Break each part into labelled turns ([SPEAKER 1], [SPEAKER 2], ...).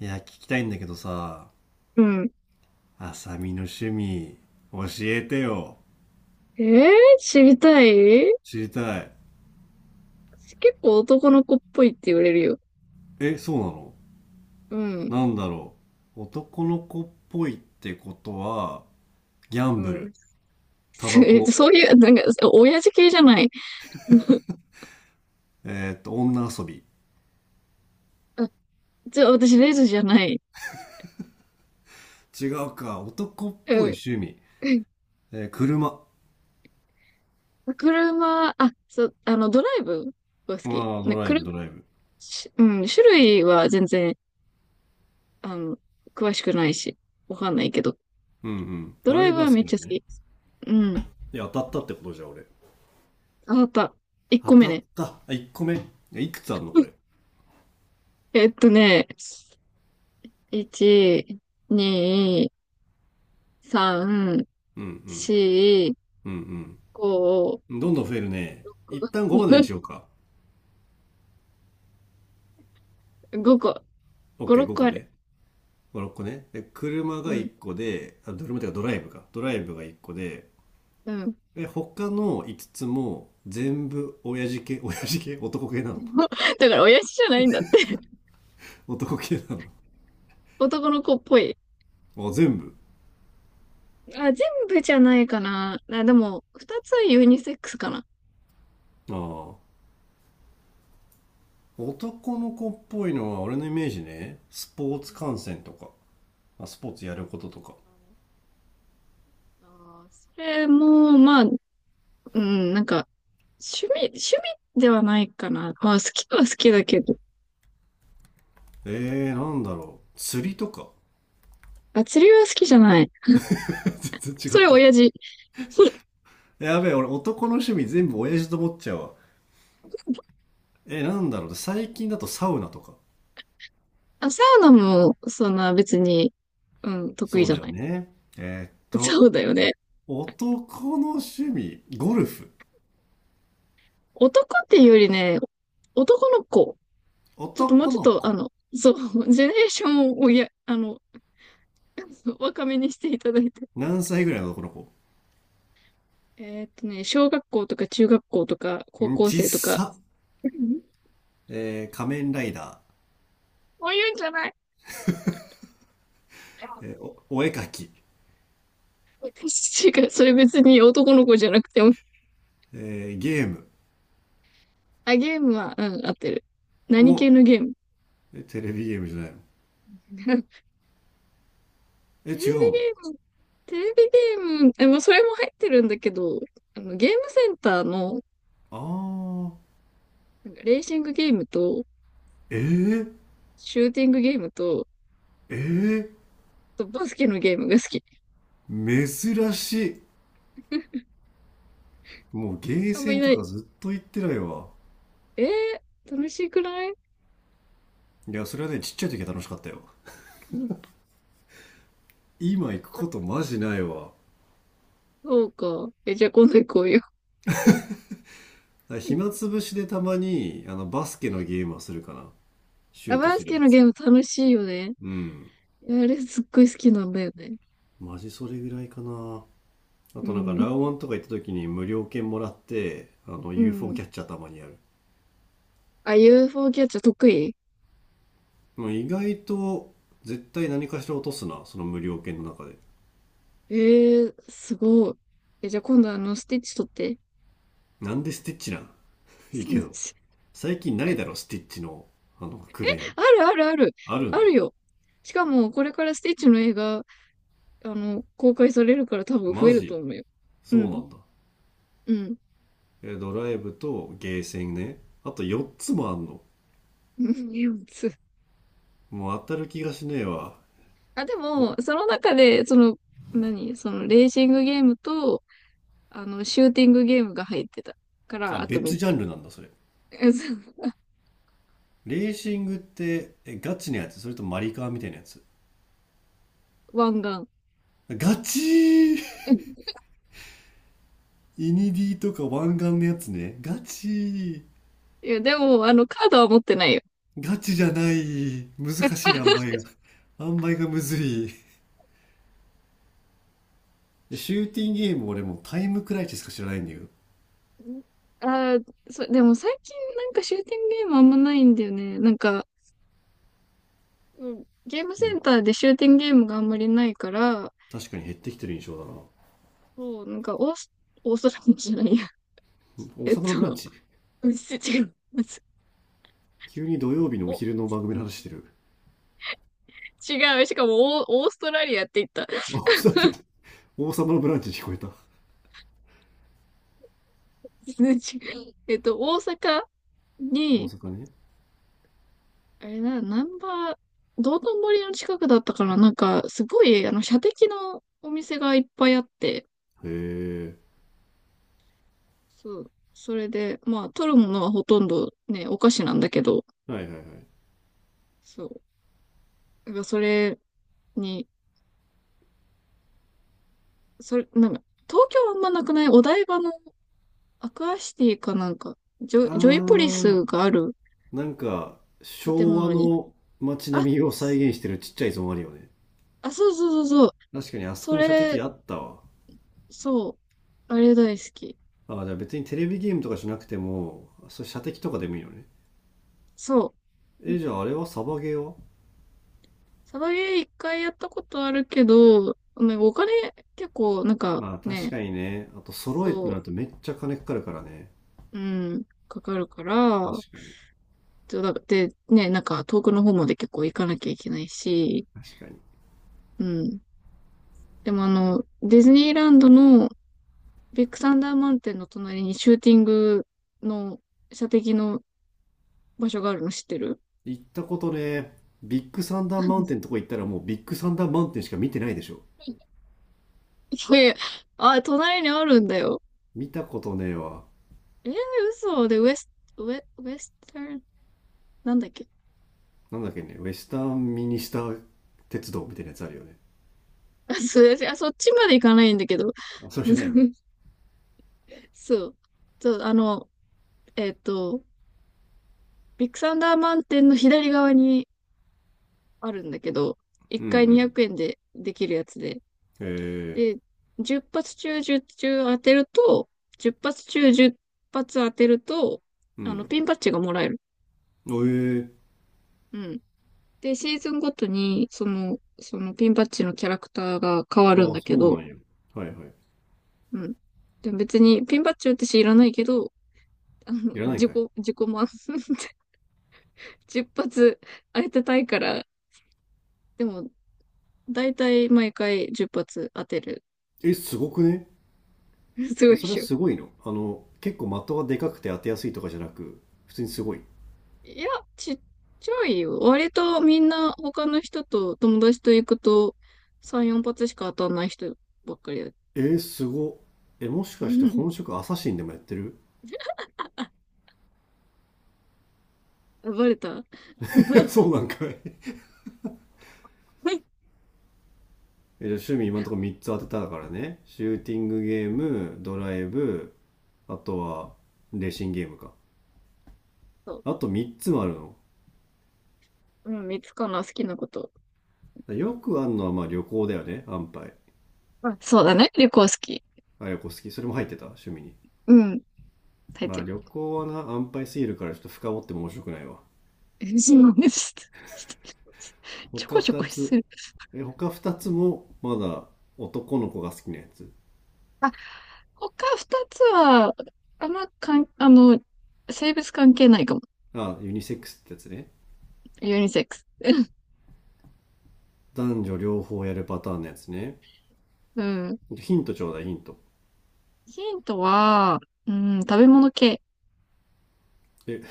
[SPEAKER 1] いや、聞きたいんだけどさ、
[SPEAKER 2] うん。
[SPEAKER 1] あさみの趣味、教えてよ。
[SPEAKER 2] えー、知りたい。
[SPEAKER 1] 知りたい。
[SPEAKER 2] 結構男の子っぽいって言われるよ。
[SPEAKER 1] え、そう
[SPEAKER 2] うん。
[SPEAKER 1] なの。なんだろう。男の子っぽいってことは、ギャ
[SPEAKER 2] う
[SPEAKER 1] ンブ
[SPEAKER 2] ん。
[SPEAKER 1] ル、タバコ、
[SPEAKER 2] そういう、なんか、親父系じゃない。
[SPEAKER 1] 女遊び。
[SPEAKER 2] あ、じゃあ私、レズじゃない。
[SPEAKER 1] 違うか、男っ
[SPEAKER 2] う
[SPEAKER 1] ぽい
[SPEAKER 2] ん。
[SPEAKER 1] 趣味。車。あ
[SPEAKER 2] 車、あ、そう、ドライブが好き。
[SPEAKER 1] あ、
[SPEAKER 2] ね、
[SPEAKER 1] ドライ
[SPEAKER 2] 車、
[SPEAKER 1] ブ、ドライブ。
[SPEAKER 2] うん、種類は全然、あの、詳しくないし、わかんないけど。
[SPEAKER 1] うんうん。
[SPEAKER 2] ド
[SPEAKER 1] ド
[SPEAKER 2] ラ
[SPEAKER 1] ラ
[SPEAKER 2] イ
[SPEAKER 1] イ
[SPEAKER 2] ブ
[SPEAKER 1] ブは
[SPEAKER 2] は
[SPEAKER 1] 好
[SPEAKER 2] めっ
[SPEAKER 1] きな
[SPEAKER 2] ちゃ
[SPEAKER 1] の
[SPEAKER 2] 好
[SPEAKER 1] ね。
[SPEAKER 2] き。うん。
[SPEAKER 1] いや、当たったってことじゃん、俺。
[SPEAKER 2] あ、わかった。1
[SPEAKER 1] 当
[SPEAKER 2] 個目
[SPEAKER 1] たっ
[SPEAKER 2] ね。
[SPEAKER 1] た。あ、1個目。え、いくつあんの、こ れ。
[SPEAKER 2] えっとね、1、2、3、4、
[SPEAKER 1] うんうん。うん
[SPEAKER 2] 5、
[SPEAKER 1] うん。どんどん増えるね。一旦5までにしようか。
[SPEAKER 2] 5個、5、
[SPEAKER 1] OK、
[SPEAKER 2] 6
[SPEAKER 1] 5
[SPEAKER 2] 個
[SPEAKER 1] 個
[SPEAKER 2] ある。
[SPEAKER 1] ね。5、6個ね。で、車
[SPEAKER 2] う
[SPEAKER 1] が
[SPEAKER 2] ん、
[SPEAKER 1] 1個で、あ、車っていうかドライブか。ドライブが1個で、
[SPEAKER 2] うん。
[SPEAKER 1] で、他の5つも全部親父系、男系なの？
[SPEAKER 2] だから、親父じゃないんだって。
[SPEAKER 1] 男系なの
[SPEAKER 2] 男の子っぽい。
[SPEAKER 1] あ、全部。
[SPEAKER 2] あ、全部じゃないかな。あ、でも、2つはユニセックスかな。
[SPEAKER 1] ああ。男の子っぽいのは俺のイメージね。スポー
[SPEAKER 2] う
[SPEAKER 1] ツ
[SPEAKER 2] ん。
[SPEAKER 1] 観戦とか。あ、スポーツやることとか。
[SPEAKER 2] あー、それも、まあ、うん、なんか、趣味ではないかな。まあ、好きは好きだけど。
[SPEAKER 1] なんだろう。釣りとか。
[SPEAKER 2] あ、釣りは好きじゃない。
[SPEAKER 1] 全然違
[SPEAKER 2] そ
[SPEAKER 1] っ
[SPEAKER 2] れ
[SPEAKER 1] た。
[SPEAKER 2] 親父。
[SPEAKER 1] やべえ、俺男の趣味全部親父と思っちゃうわ。なんだろう。最近だとサウナとか。
[SPEAKER 2] あ、サウナも、そんな別に、うん、得意
[SPEAKER 1] そう
[SPEAKER 2] じゃ
[SPEAKER 1] だよ
[SPEAKER 2] ない。
[SPEAKER 1] ね。えーっと、
[SPEAKER 2] そうだよね。
[SPEAKER 1] 男の趣味、ゴルフ。
[SPEAKER 2] 男っていうよりね、男の子。ちょっともう
[SPEAKER 1] 男
[SPEAKER 2] ちょっ
[SPEAKER 1] の
[SPEAKER 2] と、
[SPEAKER 1] 子。
[SPEAKER 2] そう、ジェネレーションを若めにしていただいて。
[SPEAKER 1] 何歳ぐらいの男の子？
[SPEAKER 2] 小学校とか中学校とか高
[SPEAKER 1] うん、
[SPEAKER 2] 校
[SPEAKER 1] ちっ
[SPEAKER 2] 生とか。
[SPEAKER 1] さ。
[SPEAKER 2] うん、
[SPEAKER 1] 仮面ライダ
[SPEAKER 2] そういうんじゃない。
[SPEAKER 1] ー。お、お絵描き。
[SPEAKER 2] 違う、それ別に男の子じゃなくても。
[SPEAKER 1] ゲーム。
[SPEAKER 2] あ、ゲームは、うん、合ってる。
[SPEAKER 1] お、
[SPEAKER 2] 何系のゲーム？
[SPEAKER 1] え、テレビゲームじゃないの？ え、
[SPEAKER 2] テレビ
[SPEAKER 1] 違う
[SPEAKER 2] ゲ
[SPEAKER 1] の？
[SPEAKER 2] ーム、テレビゲーム、まあ、それも入ってるんだけど、ゲームセンターの、
[SPEAKER 1] あー。
[SPEAKER 2] なんかレーシングゲームと、
[SPEAKER 1] えー、
[SPEAKER 2] シューティングゲームと、
[SPEAKER 1] え
[SPEAKER 2] バスケのゲームが好き。
[SPEAKER 1] ー、珍しい。もうゲー
[SPEAKER 2] あんま
[SPEAKER 1] セ
[SPEAKER 2] い
[SPEAKER 1] ン
[SPEAKER 2] な
[SPEAKER 1] とか
[SPEAKER 2] い。
[SPEAKER 1] ずっと行ってないわ。
[SPEAKER 2] え楽しくない？
[SPEAKER 1] いや、それはね、ちっちゃい時は楽しかったよ。今行くことマジないわ。
[SPEAKER 2] そうか。じゃあ今度行こうよ。
[SPEAKER 1] だから暇 つぶしでたまにあのバスケのゲームはするかな。シュ
[SPEAKER 2] あ、
[SPEAKER 1] ート
[SPEAKER 2] バ
[SPEAKER 1] す
[SPEAKER 2] ス
[SPEAKER 1] るや
[SPEAKER 2] ケの
[SPEAKER 1] つ。
[SPEAKER 2] ゲーム楽しいよね。
[SPEAKER 1] うん。
[SPEAKER 2] いや、あれすっごい好きなんだよね。
[SPEAKER 1] マジそれぐらいかな。あ
[SPEAKER 2] う
[SPEAKER 1] となんかラ
[SPEAKER 2] ん。
[SPEAKER 1] ウワンとか行った時に無料券もらって、あの
[SPEAKER 2] う
[SPEAKER 1] UFO
[SPEAKER 2] ん。
[SPEAKER 1] キャッチャーたまにやる。
[SPEAKER 2] あ、UFO キャッチャー得意？
[SPEAKER 1] もう意外と絶対何かしら落とすな、その無料券の中で。
[SPEAKER 2] すごい。じゃあ今度スティッチ取って。
[SPEAKER 1] なんでスティッチなん？ いいけど。最近ないだろ、スティッチのあのクレーン。
[SPEAKER 2] あるあるある。
[SPEAKER 1] ある
[SPEAKER 2] あ
[SPEAKER 1] ん
[SPEAKER 2] る
[SPEAKER 1] だ。
[SPEAKER 2] よ。しかも、これからスティッチの映画、公開されるから多分増
[SPEAKER 1] マ
[SPEAKER 2] えると
[SPEAKER 1] ジ？
[SPEAKER 2] 思うよ。う
[SPEAKER 1] そうな
[SPEAKER 2] ん。
[SPEAKER 1] んだ。
[SPEAKER 2] うん。
[SPEAKER 1] え、ドライブとゲーセンね。あと4つもあんの。
[SPEAKER 2] うん。
[SPEAKER 1] もう当たる気がしねえわ。
[SPEAKER 2] あ、でも、その中で、その、何その、レーシングゲームと、シューティングゲームが入ってたか
[SPEAKER 1] あ、
[SPEAKER 2] ら、あと3
[SPEAKER 1] 別ジャ
[SPEAKER 2] つ。
[SPEAKER 1] ンルなんだ、それ。
[SPEAKER 2] そう。
[SPEAKER 1] レーシングって、え、ガチのやつ？それともマリカーみたいなやつ？
[SPEAKER 2] ワンガン。
[SPEAKER 1] ガチ？ー
[SPEAKER 2] うん。
[SPEAKER 1] イニディとか湾岸のやつね。ガチ？ー
[SPEAKER 2] いや、でも、カードは持ってないよ。
[SPEAKER 1] ガチじゃない。難しい塩梅が。塩梅がむずい。でシューティングゲーム俺もうタイムクライチしか知らないんだよ。
[SPEAKER 2] ああ、そう。でも最近なんかシューティングゲームあんまないんだよね。なんか、うん、ゲーム
[SPEAKER 1] う
[SPEAKER 2] セ
[SPEAKER 1] ん、
[SPEAKER 2] ンターでシューティングゲームがあんまりないから、
[SPEAKER 1] 確かに減ってきてる印象だな。
[SPEAKER 2] そう、なんかオーストラリアじゃないや。
[SPEAKER 1] うん、 王
[SPEAKER 2] えっ
[SPEAKER 1] 様のブラン
[SPEAKER 2] と、
[SPEAKER 1] チ。
[SPEAKER 2] うん、違う。
[SPEAKER 1] 急に土曜日のお
[SPEAKER 2] お、
[SPEAKER 1] 昼の番組の話してる。
[SPEAKER 2] 違う。しかもオーストラリアって言った。
[SPEAKER 1] 王様王様のブランチに聞こえた。
[SPEAKER 2] 数値大阪
[SPEAKER 1] 大
[SPEAKER 2] に、
[SPEAKER 1] 阪ね。
[SPEAKER 2] あれな、ナンバー、道頓堀の近くだったから、なんか、すごい、射的のお店がいっぱいあって、
[SPEAKER 1] へえ。
[SPEAKER 2] そう、それで、まあ、取るものはほとんどね、お菓子なんだけど、
[SPEAKER 1] はいはいはい。
[SPEAKER 2] そう、やっぱそれに、それ、なんか、東京はあんまなくない？お台場のアクアシティかなんか、
[SPEAKER 1] あ
[SPEAKER 2] ジョイポリス
[SPEAKER 1] ー。
[SPEAKER 2] がある
[SPEAKER 1] なんか
[SPEAKER 2] 建
[SPEAKER 1] 昭和
[SPEAKER 2] 物に、
[SPEAKER 1] の街
[SPEAKER 2] あ、
[SPEAKER 1] 並みを再現してるちっちゃいゾーンあるよね。
[SPEAKER 2] あ、そうそうそうそう、
[SPEAKER 1] 確かにあそこ
[SPEAKER 2] そ
[SPEAKER 1] に射的
[SPEAKER 2] れ、
[SPEAKER 1] あったわ。
[SPEAKER 2] そう、あれ大好き。
[SPEAKER 1] あ、じゃあ別にテレビゲームとかじゃなくても、それ射的とかでもいいよね。
[SPEAKER 2] そう。う
[SPEAKER 1] え、
[SPEAKER 2] ん、
[SPEAKER 1] じゃああれはサバゲーは？
[SPEAKER 2] サバゲー一回やったことあるけど、ね、お金結構なんか
[SPEAKER 1] まあ確
[SPEAKER 2] ね、
[SPEAKER 1] かにね。あと揃えてな
[SPEAKER 2] そ
[SPEAKER 1] るとめっちゃ金かかるからね。
[SPEAKER 2] う、うん、かかるから、
[SPEAKER 1] 確かに。
[SPEAKER 2] だってね、なんか遠くの方まで結構行かなきゃいけないし、
[SPEAKER 1] 確かに。
[SPEAKER 2] うん。でもディズニーランドのビッグサンダーマウンテンの隣にシューティングの射的の場所があるの知ってる？
[SPEAKER 1] 行ったことね、ビッグサンダ
[SPEAKER 2] う
[SPEAKER 1] ーマウ
[SPEAKER 2] ん。
[SPEAKER 1] ンテンとこ行ったらもうビッグサンダーマウンテンしか見てないでしょ。
[SPEAKER 2] いやいや、あ、隣にあるんだよ。
[SPEAKER 1] 見たことねえわ。
[SPEAKER 2] えー、嘘。で、ウエスタン、なんだっけ？
[SPEAKER 1] なんだっけね、ウェスタンミニスター鉄道みたいなやつあるよね。
[SPEAKER 2] あ、すいません。あ、そっちまで行かないんだけど。
[SPEAKER 1] あ、それじゃないんだ。
[SPEAKER 2] そう。そう、えっと、ビッグサンダーマウンテンの左側にあるんだけど、1
[SPEAKER 1] うんう
[SPEAKER 2] 回200
[SPEAKER 1] ん、
[SPEAKER 2] 円でできるやつで。
[SPEAKER 1] ええ、
[SPEAKER 2] で、10発中10中当てると、10発中10発当てると、
[SPEAKER 1] うん。
[SPEAKER 2] ピンバッジがもらえる。
[SPEAKER 1] ええ、
[SPEAKER 2] うん。で、シーズンごとに、そのピンバッジのキャラクターが変わるん
[SPEAKER 1] ああ、
[SPEAKER 2] だ
[SPEAKER 1] そ
[SPEAKER 2] け
[SPEAKER 1] う
[SPEAKER 2] ど、
[SPEAKER 1] なんや。はいはい。
[SPEAKER 2] うん。でも別に、ピンバッジ私いらないけど、
[SPEAKER 1] いらないかい。
[SPEAKER 2] 自己満。10発当てたいから、でも、だいたい毎回10発当てる。
[SPEAKER 1] え、すごくね？
[SPEAKER 2] すご
[SPEAKER 1] え、
[SPEAKER 2] いっ
[SPEAKER 1] それは
[SPEAKER 2] しょ。
[SPEAKER 1] すごいの？あの、結構的がでかくて当てやすいとかじゃなく、普通にすごい。
[SPEAKER 2] いや、ちっちゃいよ。割とみんな他の人と友達と行くと3、4発しか当たんない人ばっかりだ。
[SPEAKER 1] えー、すご。え、もし
[SPEAKER 2] う
[SPEAKER 1] かして
[SPEAKER 2] ん。
[SPEAKER 1] 本職アサシンでもやってる？
[SPEAKER 2] あ、バレた。
[SPEAKER 1] そうなんかい。え、じゃあ趣味今のところ3つ当てたからね。シューティングゲーム、ドライブ、あとはレーシングゲームか。
[SPEAKER 2] そう。
[SPEAKER 1] あと3つもあるの？
[SPEAKER 2] うん、三つかな、好きなこと。
[SPEAKER 1] よくあるのはまあ旅行だよね、安牌。
[SPEAKER 2] あ、そうだね。旅行好き。
[SPEAKER 1] あ、旅行好き。それも入ってた、趣味に。
[SPEAKER 2] うん。大
[SPEAKER 1] まあ
[SPEAKER 2] 抵。
[SPEAKER 1] 旅行はな、安牌すぎるからちょっと深掘っても面白くないわ。
[SPEAKER 2] ちょ
[SPEAKER 1] 他
[SPEAKER 2] こちょ
[SPEAKER 1] 2
[SPEAKER 2] こす
[SPEAKER 1] つ
[SPEAKER 2] る。
[SPEAKER 1] え、他2つもまだ男の子が好きなやつ？
[SPEAKER 2] 他二つは、あんまかん、あの、性別関係ないかも。
[SPEAKER 1] あ、ユニセックスってやつね。
[SPEAKER 2] ユニセックス。
[SPEAKER 1] 男女両方やるパターンのやつね。
[SPEAKER 2] うん。
[SPEAKER 1] ヒントちょうだい、ヒント。
[SPEAKER 2] ヒントは、うん、食べ物系。
[SPEAKER 1] え、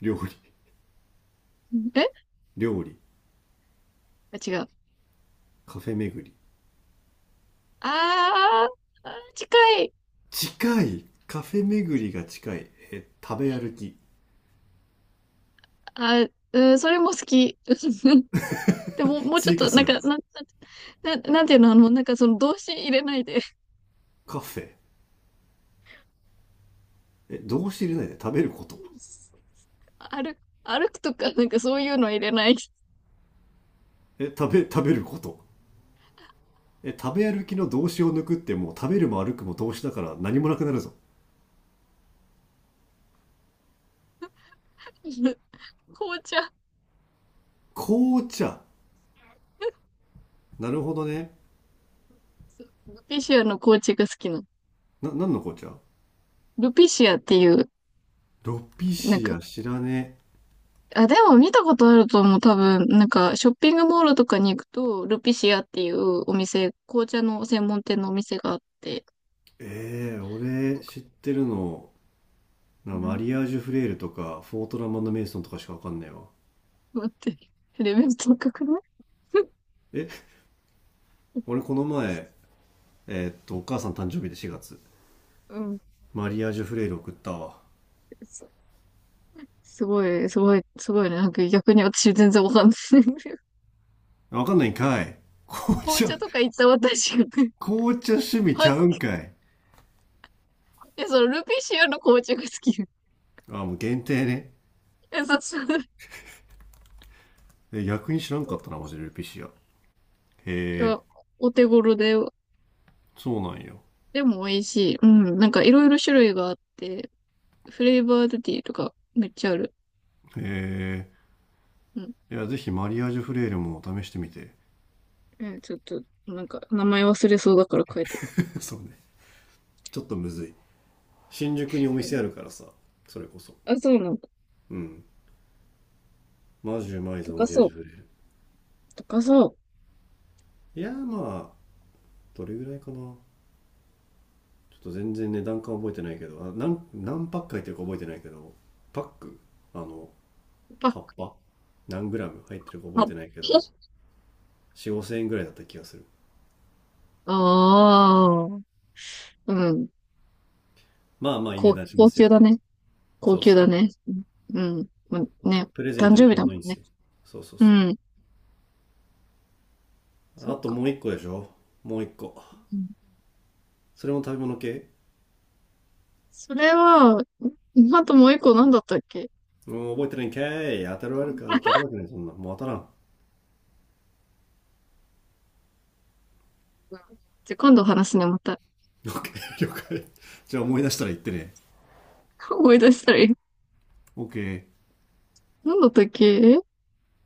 [SPEAKER 1] 料理？
[SPEAKER 2] え
[SPEAKER 1] 料理？
[SPEAKER 2] あ、違う。
[SPEAKER 1] カフェ巡り？
[SPEAKER 2] ああー、近い。
[SPEAKER 1] 近い？カフェ巡りが近い？え、食べ歩き？
[SPEAKER 2] あ、うん、それも好き。でも、もうちょっ
[SPEAKER 1] 追加
[SPEAKER 2] と、
[SPEAKER 1] す
[SPEAKER 2] なん
[SPEAKER 1] る？
[SPEAKER 2] か、なんていうの、なんかその動詞入れないで。
[SPEAKER 1] カフェ、え、動詞入れないで食べること？
[SPEAKER 2] 歩、歩くとか、なんかそういうの入れない。
[SPEAKER 1] え、食べること？え、食べ歩きの動詞を抜くってもう食べるも歩くも動詞だから何もなくなるぞ。
[SPEAKER 2] 紅茶。
[SPEAKER 1] 紅茶。なるほどね。
[SPEAKER 2] ルピシアの紅茶が好きなの。
[SPEAKER 1] な、何の紅茶？
[SPEAKER 2] ルピシアっていう、
[SPEAKER 1] ロピ
[SPEAKER 2] なん
[SPEAKER 1] シ
[SPEAKER 2] か、
[SPEAKER 1] ア知らね
[SPEAKER 2] あ、でも見たことあると思う。多分、なんか、ショッピングモールとかに行くと、ルピシアっていうお店、紅茶の専門店のお店があって、
[SPEAKER 1] え。えー、
[SPEAKER 2] な
[SPEAKER 1] 俺
[SPEAKER 2] んか、
[SPEAKER 1] 知ってるの、な、
[SPEAKER 2] う
[SPEAKER 1] マ
[SPEAKER 2] ん、
[SPEAKER 1] リアージュフレールとか、フォートラマンド・メイソンとかしかわかんないわ。
[SPEAKER 2] 待って、レベル高くない？
[SPEAKER 1] え、俺この前、お母さん誕生日で4月、
[SPEAKER 2] うん。
[SPEAKER 1] マリアージュフレール送ったわ。
[SPEAKER 2] すすごい、すごい、すごいね。なんか逆に私全然わかんない。
[SPEAKER 1] わかんないんかい。紅
[SPEAKER 2] 紅
[SPEAKER 1] 茶、
[SPEAKER 2] 茶とか行った私がね、
[SPEAKER 1] 紅茶趣味ち
[SPEAKER 2] 恥
[SPEAKER 1] ゃう
[SPEAKER 2] ずか
[SPEAKER 1] ん
[SPEAKER 2] し
[SPEAKER 1] かい。
[SPEAKER 2] くて、そのルピシアの紅茶が好き。
[SPEAKER 1] あ、もう限定ね。
[SPEAKER 2] え、そうそう。
[SPEAKER 1] え、逆に知らんかったな、マ ジでルピシア。へ
[SPEAKER 2] い
[SPEAKER 1] え、
[SPEAKER 2] や、お手頃で、
[SPEAKER 1] そうなんよ。
[SPEAKER 2] でも美味しい。うん。なんかいろいろ種類があって、フレーバードティーとかめっちゃある。
[SPEAKER 1] へ
[SPEAKER 2] うん。
[SPEAKER 1] え。いや、ぜひマリアージュフレールも試してみて。
[SPEAKER 2] ちょっと、なんか、名前忘れそうだから書いとく。
[SPEAKER 1] そうね。ちょっとむずい。新宿にお
[SPEAKER 2] う
[SPEAKER 1] 店
[SPEAKER 2] ん、
[SPEAKER 1] あるからさ、それこそ。
[SPEAKER 2] あ、そうなんだ。
[SPEAKER 1] うん、マジうまいぞ
[SPEAKER 2] 高
[SPEAKER 1] マリアー
[SPEAKER 2] そ
[SPEAKER 1] ジュフレ
[SPEAKER 2] う。
[SPEAKER 1] ール。
[SPEAKER 2] 高そ
[SPEAKER 1] いやー、まあどれぐらいかな、ちょっと全然値段感覚えてないけど、あ、何何パック入ってるか覚えてないけど、パック、あの
[SPEAKER 2] う。パッ
[SPEAKER 1] 葉っ
[SPEAKER 2] カ。
[SPEAKER 1] ぱ何グラム入ってるか覚え
[SPEAKER 2] あ。
[SPEAKER 1] てないけ ど、4、 5千円ぐらいだった気がする。
[SPEAKER 2] ああ。うん。
[SPEAKER 1] まあまあいい値段しま
[SPEAKER 2] 高
[SPEAKER 1] す
[SPEAKER 2] 級
[SPEAKER 1] よ
[SPEAKER 2] だ
[SPEAKER 1] ね。
[SPEAKER 2] ね。高
[SPEAKER 1] そうっ
[SPEAKER 2] 級
[SPEAKER 1] す
[SPEAKER 2] だ
[SPEAKER 1] ね。
[SPEAKER 2] ね。うん。うん、まね。
[SPEAKER 1] プレゼン
[SPEAKER 2] 誕
[SPEAKER 1] トに
[SPEAKER 2] 生日
[SPEAKER 1] ちょ
[SPEAKER 2] だ
[SPEAKER 1] う
[SPEAKER 2] も
[SPEAKER 1] どいいんで
[SPEAKER 2] ん
[SPEAKER 1] す
[SPEAKER 2] ね。
[SPEAKER 1] よ。そうそう
[SPEAKER 2] う
[SPEAKER 1] そ
[SPEAKER 2] ん。
[SPEAKER 1] う。
[SPEAKER 2] そ
[SPEAKER 1] あ
[SPEAKER 2] う
[SPEAKER 1] と
[SPEAKER 2] か。
[SPEAKER 1] もう一個でしょ。もう一個、
[SPEAKER 2] うん、
[SPEAKER 1] それも食べ物系？
[SPEAKER 2] それは、あともう一個何だったっけ、
[SPEAKER 1] もう覚えてないんかい。当たるわるか、当たるわけない、そんな。もう当たらん。オ
[SPEAKER 2] うん、じゃ、今度話すね、また。
[SPEAKER 1] ッケー、了解。じゃあ思い出したら言ってね。
[SPEAKER 2] 思い出したらいい。
[SPEAKER 1] オッケー。
[SPEAKER 2] 何だったっけえ？